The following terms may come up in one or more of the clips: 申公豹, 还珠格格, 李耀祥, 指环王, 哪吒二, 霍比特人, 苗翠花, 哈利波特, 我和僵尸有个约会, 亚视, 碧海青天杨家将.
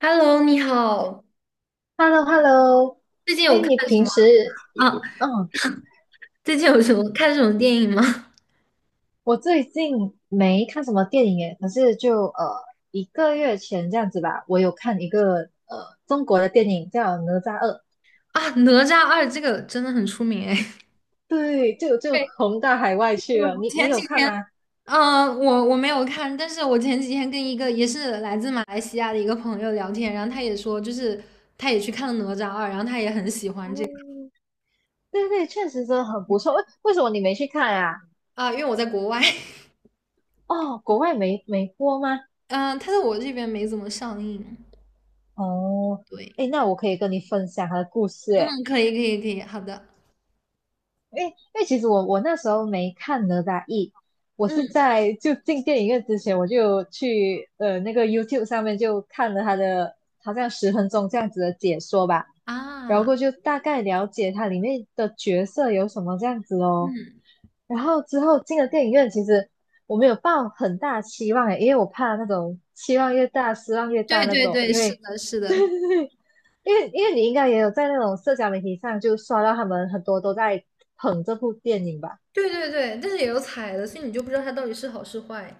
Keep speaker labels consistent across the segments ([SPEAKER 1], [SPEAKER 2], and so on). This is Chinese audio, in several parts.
[SPEAKER 1] Hello，你好，
[SPEAKER 2] hello hello
[SPEAKER 1] 最近有
[SPEAKER 2] 哎，
[SPEAKER 1] 看
[SPEAKER 2] 你
[SPEAKER 1] 什
[SPEAKER 2] 平
[SPEAKER 1] 么
[SPEAKER 2] 时，
[SPEAKER 1] 啊？
[SPEAKER 2] 嗯，
[SPEAKER 1] 最近有什么看什么电影吗？
[SPEAKER 2] 我最近没看什么电影诶，可是就一个月前这样子吧，我有看一个中国的电影叫《哪吒二》，
[SPEAKER 1] 啊，《哪吒二》这个真的很出名哎。
[SPEAKER 2] 对，就
[SPEAKER 1] 对，
[SPEAKER 2] 红到海外去了。
[SPEAKER 1] 我
[SPEAKER 2] 你
[SPEAKER 1] 前
[SPEAKER 2] 有
[SPEAKER 1] 几
[SPEAKER 2] 看
[SPEAKER 1] 天，
[SPEAKER 2] 吗？
[SPEAKER 1] 我没有看，但是我前几天跟一个也是来自马来西亚的一个朋友聊天，然后他也说，就是他也去看了《哪吒二》，然后他也很喜欢这个
[SPEAKER 2] 哦，对对，确实真的很不错。为什么你没去看啊？
[SPEAKER 1] 啊，因为我在国外，
[SPEAKER 2] 哦，国外没播吗？
[SPEAKER 1] 嗯、他在我这边没怎么上映。
[SPEAKER 2] 哦，
[SPEAKER 1] 对，
[SPEAKER 2] 哎，那我可以跟你分享他的故事诶。
[SPEAKER 1] 嗯，可以，可以，可以，好的，
[SPEAKER 2] 因为其实我那时候没看哪吒一，我是
[SPEAKER 1] 嗯
[SPEAKER 2] 在就进电影院之前，我就有去那个 YouTube 上面就看了他的好像10分钟这样子的解说吧，然后
[SPEAKER 1] 啊，
[SPEAKER 2] 过后就大概了解它里面的角色有什么这样子哦。
[SPEAKER 1] 嗯，
[SPEAKER 2] 然后之后进了电影院，其实我没有抱很大期望诶，因为我怕那种期望越大失望越大
[SPEAKER 1] 对
[SPEAKER 2] 那
[SPEAKER 1] 对
[SPEAKER 2] 种，
[SPEAKER 1] 对，
[SPEAKER 2] 因
[SPEAKER 1] 是
[SPEAKER 2] 为
[SPEAKER 1] 的，是
[SPEAKER 2] 对
[SPEAKER 1] 的。
[SPEAKER 2] 对对，因为你应该也有在那种社交媒体上就刷到他们很多都在捧这部电影吧？
[SPEAKER 1] 对对对，但是也有踩的，所以你就不知道它到底是好是坏。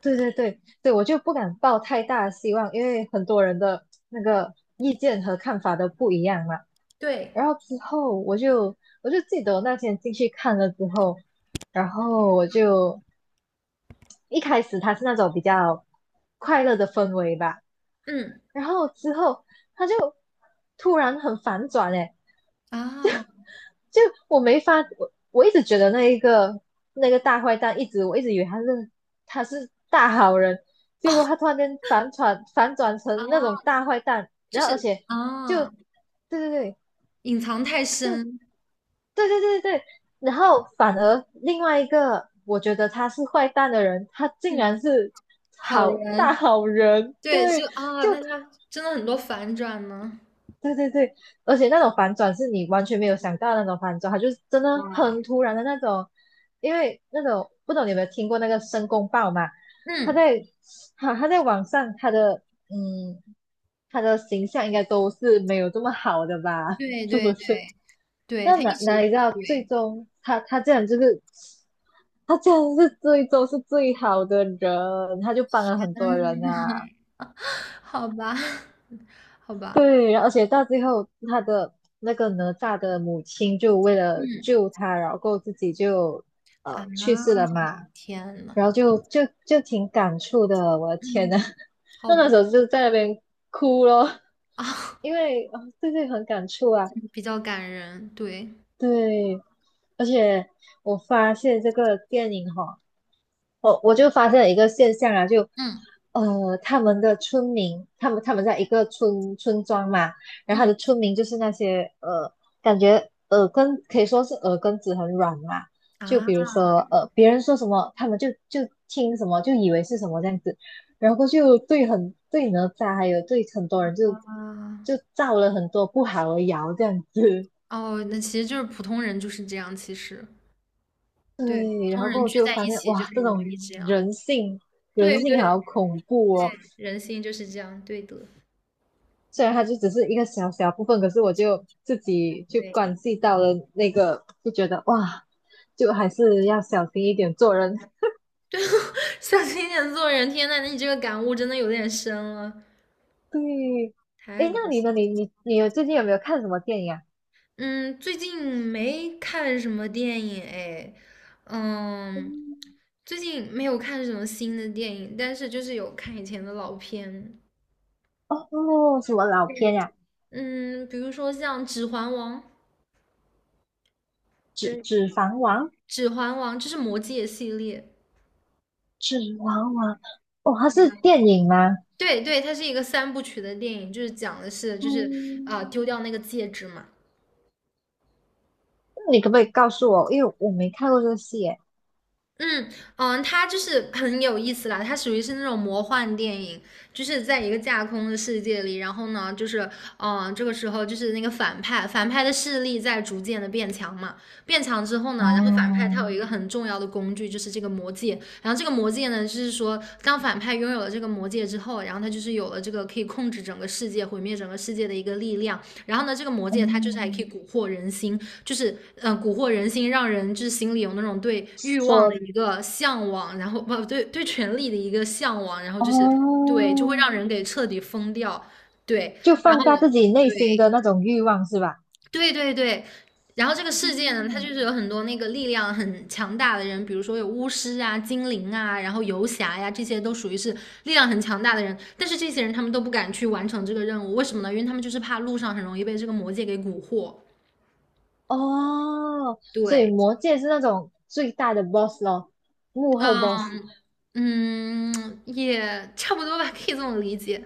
[SPEAKER 2] 对对对对，我就不敢抱太大的希望，因为很多人的那个意见和看法都不一样嘛。
[SPEAKER 1] 对，
[SPEAKER 2] 然后之后我就记得我那天进去看了之后，然后我就一开始它是那种比较快乐的氛围吧，
[SPEAKER 1] 嗯，
[SPEAKER 2] 然后之后它就突然很反转诶，
[SPEAKER 1] 啊，
[SPEAKER 2] 就我没法，我一直觉得那个大坏蛋，我一直以为他是大好人，结果他 突然间反转成那种
[SPEAKER 1] 啊，
[SPEAKER 2] 大坏蛋，
[SPEAKER 1] 就
[SPEAKER 2] 然后
[SPEAKER 1] 是
[SPEAKER 2] 而且就
[SPEAKER 1] 啊，
[SPEAKER 2] 对对对，
[SPEAKER 1] 隐藏太
[SPEAKER 2] 就
[SPEAKER 1] 深，
[SPEAKER 2] 对对对对，然后反而另外一个我觉得他是坏蛋的人，他竟
[SPEAKER 1] 嗯，
[SPEAKER 2] 然是
[SPEAKER 1] 好
[SPEAKER 2] 好大
[SPEAKER 1] 人，
[SPEAKER 2] 好人，
[SPEAKER 1] 对，
[SPEAKER 2] 对，
[SPEAKER 1] 就啊，
[SPEAKER 2] 就
[SPEAKER 1] 那他真的很多反转呢，
[SPEAKER 2] 对对对，而且那种反转是你完全没有想到的那种反转，他就是真的
[SPEAKER 1] 哇，
[SPEAKER 2] 很突然的那种。因为那种不懂你有没有听过那个申公豹嘛？他
[SPEAKER 1] 嗯，
[SPEAKER 2] 在他在网上他的嗯他的形象应该都是没有这么好的吧？
[SPEAKER 1] 对
[SPEAKER 2] 是不
[SPEAKER 1] 对
[SPEAKER 2] 是？
[SPEAKER 1] 对对，
[SPEAKER 2] 那
[SPEAKER 1] 他一
[SPEAKER 2] 哪
[SPEAKER 1] 直
[SPEAKER 2] 哪里知道最
[SPEAKER 1] 对，
[SPEAKER 2] 终他这样就是他这样是最终是最好的人，他就帮了很多人
[SPEAKER 1] 嗯，
[SPEAKER 2] 啊。
[SPEAKER 1] 好吧，好吧，
[SPEAKER 2] 对，而且到最后，他的那个哪吒的母亲就为了
[SPEAKER 1] 嗯，
[SPEAKER 2] 救他，然后自己就
[SPEAKER 1] 啊，
[SPEAKER 2] 去世了嘛，
[SPEAKER 1] 天呐，
[SPEAKER 2] 然后就挺感触的，我的天
[SPEAKER 1] 嗯，
[SPEAKER 2] 呐，
[SPEAKER 1] 好
[SPEAKER 2] 那
[SPEAKER 1] 吧，
[SPEAKER 2] 那时候就在那边哭咯，
[SPEAKER 1] 啊，
[SPEAKER 2] 因为啊、对对，很感触啊，
[SPEAKER 1] 比较感人，对，
[SPEAKER 2] 对，而且我发现这个电影哈、我就发现了一个现象啊，就
[SPEAKER 1] 嗯
[SPEAKER 2] 他们的村民，他们在一个村庄嘛，然后他的
[SPEAKER 1] 嗯
[SPEAKER 2] 村民就是那些感觉耳根可以说是耳根子很软嘛，就比如
[SPEAKER 1] 啊
[SPEAKER 2] 说别人说什么，他们就听什么，就以为是什么这样子，然后就对哪吒，还有对很多人就
[SPEAKER 1] 啊。
[SPEAKER 2] 就造了很多不好的谣这样子，
[SPEAKER 1] 哦，那其实就是普通人就是这样，其实，对，普
[SPEAKER 2] 对，然
[SPEAKER 1] 通
[SPEAKER 2] 后过
[SPEAKER 1] 人
[SPEAKER 2] 后
[SPEAKER 1] 聚
[SPEAKER 2] 就
[SPEAKER 1] 在
[SPEAKER 2] 发
[SPEAKER 1] 一
[SPEAKER 2] 现
[SPEAKER 1] 起就
[SPEAKER 2] 哇，
[SPEAKER 1] 很
[SPEAKER 2] 这
[SPEAKER 1] 容
[SPEAKER 2] 种
[SPEAKER 1] 易这样。
[SPEAKER 2] 人性人
[SPEAKER 1] 对对
[SPEAKER 2] 性
[SPEAKER 1] 对，
[SPEAKER 2] 好恐怖哦。
[SPEAKER 1] 人性就是这样，对的，
[SPEAKER 2] 虽然它就只是一个小小部分，可是我就自己就
[SPEAKER 1] 对，
[SPEAKER 2] 关系到了那个，就觉得哇，就还是要小心一点做人。
[SPEAKER 1] 小心点做人。天呐，那你这个感悟真的有点深了，
[SPEAKER 2] 对，
[SPEAKER 1] 太
[SPEAKER 2] 诶，
[SPEAKER 1] 搞
[SPEAKER 2] 那你呢？
[SPEAKER 1] 笑
[SPEAKER 2] 你
[SPEAKER 1] 了。
[SPEAKER 2] 你你有最近有没有看什么电影啊？
[SPEAKER 1] 嗯，最近没看什么电影哎，嗯，
[SPEAKER 2] 嗯
[SPEAKER 1] 最近没有看什么新的电影，但是就是有看以前的老片，
[SPEAKER 2] 哦，什么老片
[SPEAKER 1] 对，
[SPEAKER 2] 呀、
[SPEAKER 1] 嗯，比如说像《指环王》，对。
[SPEAKER 2] 指环王》
[SPEAKER 1] 指环王》这是魔戒系列，
[SPEAKER 2] 《指环王》哦，它是电影吗？
[SPEAKER 1] 对对，它是一个三部曲的电影，就是讲的是就是
[SPEAKER 2] 嗯，
[SPEAKER 1] 丢掉那个戒指嘛，
[SPEAKER 2] 那你可不可以告诉我？因为我没看过这个戏耶。
[SPEAKER 1] 嗯嗯，它就是很有意思啦，它属于是那种魔幻电影，就是在一个架空的世界里，然后呢，就是嗯，这个时候就是那个反派，反派的势力在逐渐的变强嘛，变强之后呢，然后反派他有一
[SPEAKER 2] 哦，
[SPEAKER 1] 个很重要的工具，就是这个魔戒，然后这个魔戒呢，就是说当反派拥有了这个魔戒之后，然后他就是有了这个可以控制整个世界、毁灭整个世界的一个力量，然后呢，这个魔戒它就是还可以
[SPEAKER 2] 哦，
[SPEAKER 1] 蛊惑人心，就是蛊惑人心，让人就是心里有那种对欲望的
[SPEAKER 2] 说
[SPEAKER 1] 一个向往，然后不对对权力的一个向往，然后就是
[SPEAKER 2] 哦，
[SPEAKER 1] 对，就会让人给彻底疯掉。对，
[SPEAKER 2] 就
[SPEAKER 1] 然
[SPEAKER 2] 放
[SPEAKER 1] 后
[SPEAKER 2] 大自己内
[SPEAKER 1] 对
[SPEAKER 2] 心的那种欲望，是吧？
[SPEAKER 1] 对对对，然后这个世界呢，它就
[SPEAKER 2] 嗯，
[SPEAKER 1] 是有很多那个力量很强大的人，比如说有巫师啊、精灵啊，然后游侠呀，这些都属于是力量很强大的人。但是这些人他们都不敢去完成这个任务，为什么呢？因为他们就是怕路上很容易被这个魔界给蛊惑。
[SPEAKER 2] 哦，所以
[SPEAKER 1] 对，
[SPEAKER 2] 魔界是那种最大的 boss 咯，幕后 boss。
[SPEAKER 1] 嗯嗯，也差不多吧，可以这么理解。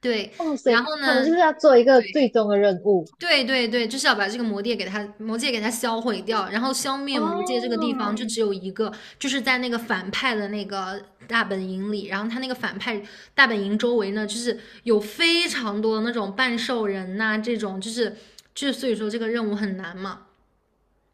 [SPEAKER 1] 对，
[SPEAKER 2] 哦，所
[SPEAKER 1] 然
[SPEAKER 2] 以
[SPEAKER 1] 后
[SPEAKER 2] 他们
[SPEAKER 1] 呢，
[SPEAKER 2] 就是要做一个最终的任务。
[SPEAKER 1] 对对对，就是要把这个魔戒给它魔界给它销毁掉，然后消灭魔界这个地方
[SPEAKER 2] 哦，
[SPEAKER 1] 就只有一个，就是在那个反派的那个大本营里，然后他那个反派大本营周围呢，就是有非常多的那种半兽人呐、这种就是所以说这个任务很难嘛，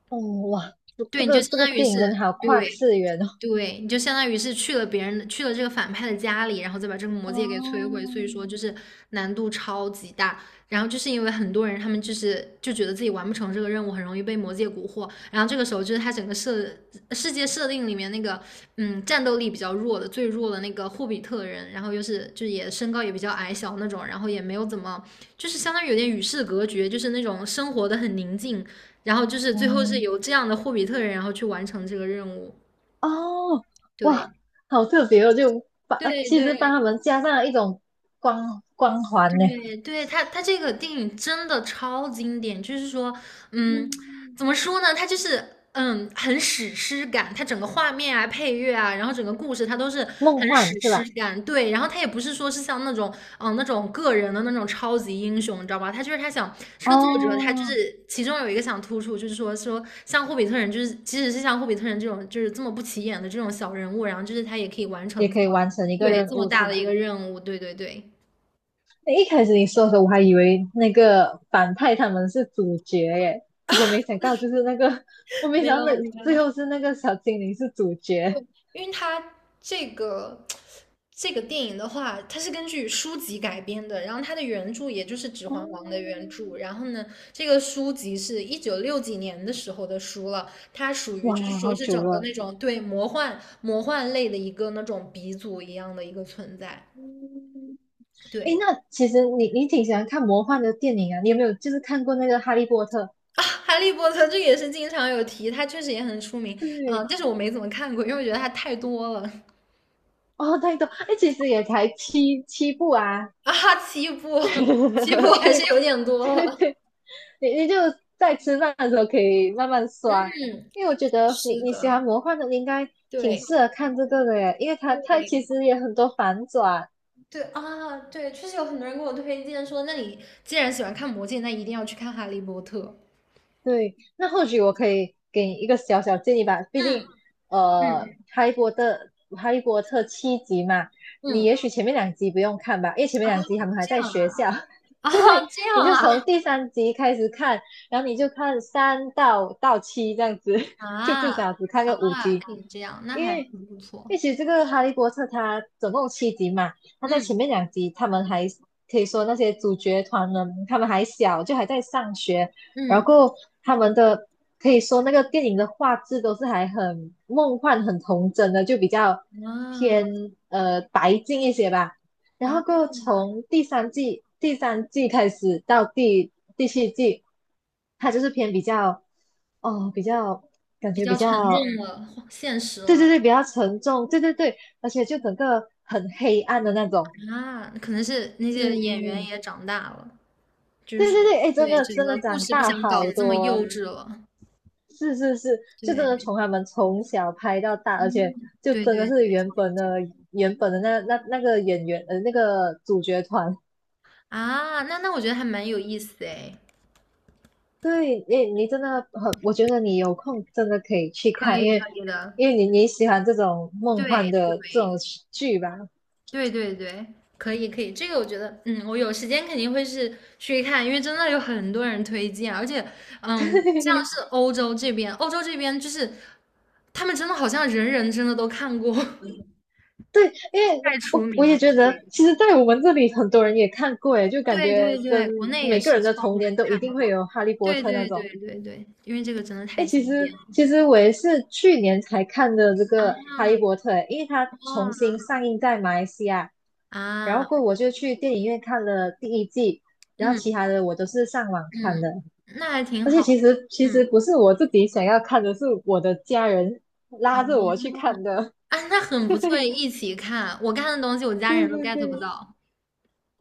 [SPEAKER 2] 哦，哇，这
[SPEAKER 1] 对，你就
[SPEAKER 2] 个
[SPEAKER 1] 相
[SPEAKER 2] 这个
[SPEAKER 1] 当于
[SPEAKER 2] 电影
[SPEAKER 1] 是
[SPEAKER 2] 真的好跨
[SPEAKER 1] 对
[SPEAKER 2] 次元哦。
[SPEAKER 1] 对，你就相当于是去了别人的，去了这个反派的家里，然后再把这个魔戒给摧毁，所以说就
[SPEAKER 2] 哦，
[SPEAKER 1] 是难度超级大。然后就是因为很多人他们就觉得自己完不成这个任务，很容易被魔戒蛊惑。然后这个时候就是他整个世界设定里面那个战斗力比较弱的最弱的那个霍比特人，然后又是就也身高也比较矮小那种，然后也没有怎么就是相当于有点与世隔绝，就是那种生活的很宁静。然后就是最后是
[SPEAKER 2] 嗯，
[SPEAKER 1] 由这样的霍比特人然后去完成这个任务，
[SPEAKER 2] 哦，哇，
[SPEAKER 1] 对。
[SPEAKER 2] 好特别哦，就把
[SPEAKER 1] 对
[SPEAKER 2] 其实帮
[SPEAKER 1] 对
[SPEAKER 2] 他们加上了一种光环呢，
[SPEAKER 1] 对对，他这个电影真的超经典，就是说，嗯，
[SPEAKER 2] 嗯
[SPEAKER 1] 怎么说呢？他就是很史诗感，他整个画面啊、配乐啊，然后整个故事他都是
[SPEAKER 2] 梦
[SPEAKER 1] 很史
[SPEAKER 2] 幻是
[SPEAKER 1] 诗
[SPEAKER 2] 吧？
[SPEAKER 1] 感。对，然后他也不是说是像那种那种个人的那种超级英雄，你知道吧？他就是他想这个作者，他就
[SPEAKER 2] 哦，
[SPEAKER 1] 是其中有一个想突出，就是说说像霍比特人，就是即使是像霍比特人这种就是这么不起眼的这种小人物，然后就是他也可以完
[SPEAKER 2] 也
[SPEAKER 1] 成这
[SPEAKER 2] 可以
[SPEAKER 1] 么
[SPEAKER 2] 完成一个
[SPEAKER 1] 对这
[SPEAKER 2] 任
[SPEAKER 1] 么
[SPEAKER 2] 务，
[SPEAKER 1] 大
[SPEAKER 2] 是
[SPEAKER 1] 的
[SPEAKER 2] 吧？
[SPEAKER 1] 一个任务。对对对。
[SPEAKER 2] 诶一开始你说的时候，我还以为那个反派他们是主角耶，结果没想到就是那个，我没
[SPEAKER 1] 没
[SPEAKER 2] 想
[SPEAKER 1] 有
[SPEAKER 2] 到那
[SPEAKER 1] 没有，
[SPEAKER 2] 最后是那个小精灵是主角。
[SPEAKER 1] 因为它这个这个电影的话，它是根据书籍改编的，然后它的原著也就是《指环王》的
[SPEAKER 2] 哦，
[SPEAKER 1] 原著，然后呢，这个书籍是一九六几年的时候的书了，它属于就是
[SPEAKER 2] 哇，
[SPEAKER 1] 说
[SPEAKER 2] 好
[SPEAKER 1] 是
[SPEAKER 2] 久
[SPEAKER 1] 整个
[SPEAKER 2] 了。
[SPEAKER 1] 那种对魔幻魔幻类的一个那种鼻祖一样的一个存在，
[SPEAKER 2] 嗯，诶，
[SPEAKER 1] 对。
[SPEAKER 2] 那其实你挺喜欢看魔幻的电影啊？你有没有就是看过那个《哈利波特》？
[SPEAKER 1] 啊，哈利波特这个也是经常有提，它确实也很出名，嗯，
[SPEAKER 2] 对，
[SPEAKER 1] 但是我没怎么看过，因为我觉得它太多了
[SPEAKER 2] 哦，太多，哎，其实也才7部啊。
[SPEAKER 1] 啊，七部，七部还是
[SPEAKER 2] 对
[SPEAKER 1] 有点 多了，
[SPEAKER 2] 对对，你就在吃饭的时候可以慢慢刷，
[SPEAKER 1] 嗯。
[SPEAKER 2] 因为我觉得你
[SPEAKER 1] 是
[SPEAKER 2] 你喜
[SPEAKER 1] 的，
[SPEAKER 2] 欢魔幻的，你应该挺
[SPEAKER 1] 对
[SPEAKER 2] 适合看这个的耶，因为它其
[SPEAKER 1] 对
[SPEAKER 2] 实也很多反转。
[SPEAKER 1] 对啊，对，确实有很多人给我推荐说，那你既然喜欢看《魔戒》，那一定要去看《哈利波特》。
[SPEAKER 2] 对，那或许我可以给你一个小小建议吧，毕
[SPEAKER 1] 嗯
[SPEAKER 2] 竟
[SPEAKER 1] 嗯
[SPEAKER 2] 呃，哈利波特哈利波特七集嘛，你
[SPEAKER 1] 嗯，
[SPEAKER 2] 也许前面两集不用看吧，因为前面两集他们还
[SPEAKER 1] 这
[SPEAKER 2] 在
[SPEAKER 1] 样
[SPEAKER 2] 学
[SPEAKER 1] 啊，
[SPEAKER 2] 校，
[SPEAKER 1] 啊，
[SPEAKER 2] 对，
[SPEAKER 1] 这样
[SPEAKER 2] 你就
[SPEAKER 1] 啊，
[SPEAKER 2] 从第三集开始看，然后你就看三到七这样子，就
[SPEAKER 1] 啊
[SPEAKER 2] 至少只看个五
[SPEAKER 1] 啊，
[SPEAKER 2] 集。
[SPEAKER 1] 可以这样，那
[SPEAKER 2] 因
[SPEAKER 1] 还
[SPEAKER 2] 为
[SPEAKER 1] 挺不错。
[SPEAKER 2] 因为其实这个《哈利波特》它总共有七集嘛，它在前
[SPEAKER 1] 嗯，
[SPEAKER 2] 面两集他们还可以说那些主角团呢，他们还小，就还在上学，然
[SPEAKER 1] 嗯
[SPEAKER 2] 后他们的可以说那个电影的画质都是还很梦幻、很童真的，就比较
[SPEAKER 1] 啊
[SPEAKER 2] 偏白净一些吧。然
[SPEAKER 1] 啊，
[SPEAKER 2] 后过后从第三季开始到第七季，它就是偏比较哦比较感
[SPEAKER 1] 比
[SPEAKER 2] 觉比
[SPEAKER 1] 较沉
[SPEAKER 2] 较
[SPEAKER 1] 重了，现实
[SPEAKER 2] 对对
[SPEAKER 1] 了
[SPEAKER 2] 对，比较沉重，对对对，而且就整个很黑暗的那种，
[SPEAKER 1] 啊，可能是那些演员
[SPEAKER 2] 对
[SPEAKER 1] 也长大了，就是
[SPEAKER 2] 对
[SPEAKER 1] 说，
[SPEAKER 2] 对对，哎，真
[SPEAKER 1] 对，
[SPEAKER 2] 的
[SPEAKER 1] 整
[SPEAKER 2] 真
[SPEAKER 1] 个
[SPEAKER 2] 的
[SPEAKER 1] 故
[SPEAKER 2] 长
[SPEAKER 1] 事不
[SPEAKER 2] 大
[SPEAKER 1] 想搞
[SPEAKER 2] 好
[SPEAKER 1] 得这么幼
[SPEAKER 2] 多，
[SPEAKER 1] 稚了。
[SPEAKER 2] 是是是，就真的
[SPEAKER 1] 对
[SPEAKER 2] 从他们从小拍到大，而且就
[SPEAKER 1] 对
[SPEAKER 2] 真的
[SPEAKER 1] 对
[SPEAKER 2] 是
[SPEAKER 1] 对。
[SPEAKER 2] 原本的那个演员那个主角团，
[SPEAKER 1] 啊，那我觉得还蛮有意思哎，
[SPEAKER 2] 对，你真的很，我觉得你有空真的可以去
[SPEAKER 1] 可
[SPEAKER 2] 看，因
[SPEAKER 1] 以
[SPEAKER 2] 为
[SPEAKER 1] 可以的，
[SPEAKER 2] 因为你喜欢这种梦幻的这种
[SPEAKER 1] 对
[SPEAKER 2] 剧吧，
[SPEAKER 1] 对对对对，可以可以，这个我觉得，嗯，我有时间肯定会是去看，因为真的有很多人推荐，而且，嗯，像
[SPEAKER 2] 对。
[SPEAKER 1] 是欧洲这边，欧洲这边就是他们真的好像人人真的都看过，
[SPEAKER 2] 对，因为
[SPEAKER 1] 太出
[SPEAKER 2] 我
[SPEAKER 1] 名
[SPEAKER 2] 我
[SPEAKER 1] 了，
[SPEAKER 2] 也觉得，
[SPEAKER 1] 对
[SPEAKER 2] 其实，在我们这里很多人也看过，诶，就感
[SPEAKER 1] 对对
[SPEAKER 2] 觉跟
[SPEAKER 1] 对，国内也
[SPEAKER 2] 每个
[SPEAKER 1] 是
[SPEAKER 2] 人的
[SPEAKER 1] 超
[SPEAKER 2] 童
[SPEAKER 1] 多人
[SPEAKER 2] 年都一
[SPEAKER 1] 看
[SPEAKER 2] 定会
[SPEAKER 1] 过。
[SPEAKER 2] 有《哈利波
[SPEAKER 1] 对
[SPEAKER 2] 特》那
[SPEAKER 1] 对
[SPEAKER 2] 种。
[SPEAKER 1] 对对对，因为这个真的太
[SPEAKER 2] 诶，
[SPEAKER 1] 经典了
[SPEAKER 2] 其实我也是去年才看的这
[SPEAKER 1] 啊！
[SPEAKER 2] 个《哈利波特》，因为它重
[SPEAKER 1] 哦
[SPEAKER 2] 新上映在马来西亚，然后
[SPEAKER 1] 啊，
[SPEAKER 2] 过后我就去电影院看了第一季，然后其
[SPEAKER 1] 嗯，
[SPEAKER 2] 他的我都是上网看的。
[SPEAKER 1] 嗯，那还挺
[SPEAKER 2] 而且
[SPEAKER 1] 好的。
[SPEAKER 2] 其实
[SPEAKER 1] 嗯，
[SPEAKER 2] 不是我自己想要看的，是我的家人
[SPEAKER 1] 哦，
[SPEAKER 2] 拉着我去看的。
[SPEAKER 1] 啊，那 很不错，
[SPEAKER 2] 对
[SPEAKER 1] 一起看。我看的东西，我家人
[SPEAKER 2] 对
[SPEAKER 1] 都
[SPEAKER 2] 对
[SPEAKER 1] get 不
[SPEAKER 2] 对。
[SPEAKER 1] 到。
[SPEAKER 2] 哦，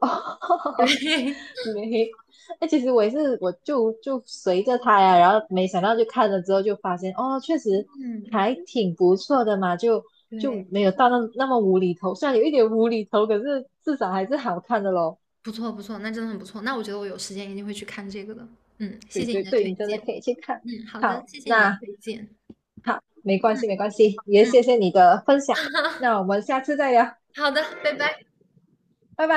[SPEAKER 1] 对，
[SPEAKER 2] 没，哎，其实我也是，我就随着他呀，然后没想到就看了之后就发现，哦，确实
[SPEAKER 1] 嗯，
[SPEAKER 2] 还挺不错的嘛，就
[SPEAKER 1] 对，
[SPEAKER 2] 没有到那么无厘头，虽然有一点无厘头，可是至少还是好看的咯。
[SPEAKER 1] 不错不错，那真的很不错。那我觉得我有时间一定会去看这个的。嗯，谢
[SPEAKER 2] 对
[SPEAKER 1] 谢你
[SPEAKER 2] 对
[SPEAKER 1] 的
[SPEAKER 2] 对，
[SPEAKER 1] 推
[SPEAKER 2] 你真
[SPEAKER 1] 荐。
[SPEAKER 2] 的可以去看。
[SPEAKER 1] 嗯，好的，
[SPEAKER 2] 好，
[SPEAKER 1] 谢谢你的
[SPEAKER 2] 那
[SPEAKER 1] 推荐。
[SPEAKER 2] 好，没关
[SPEAKER 1] 嗯
[SPEAKER 2] 系没关系，也
[SPEAKER 1] 嗯，
[SPEAKER 2] 谢谢你的分享，那我们下次再聊，
[SPEAKER 1] 好的，拜拜。
[SPEAKER 2] 拜拜。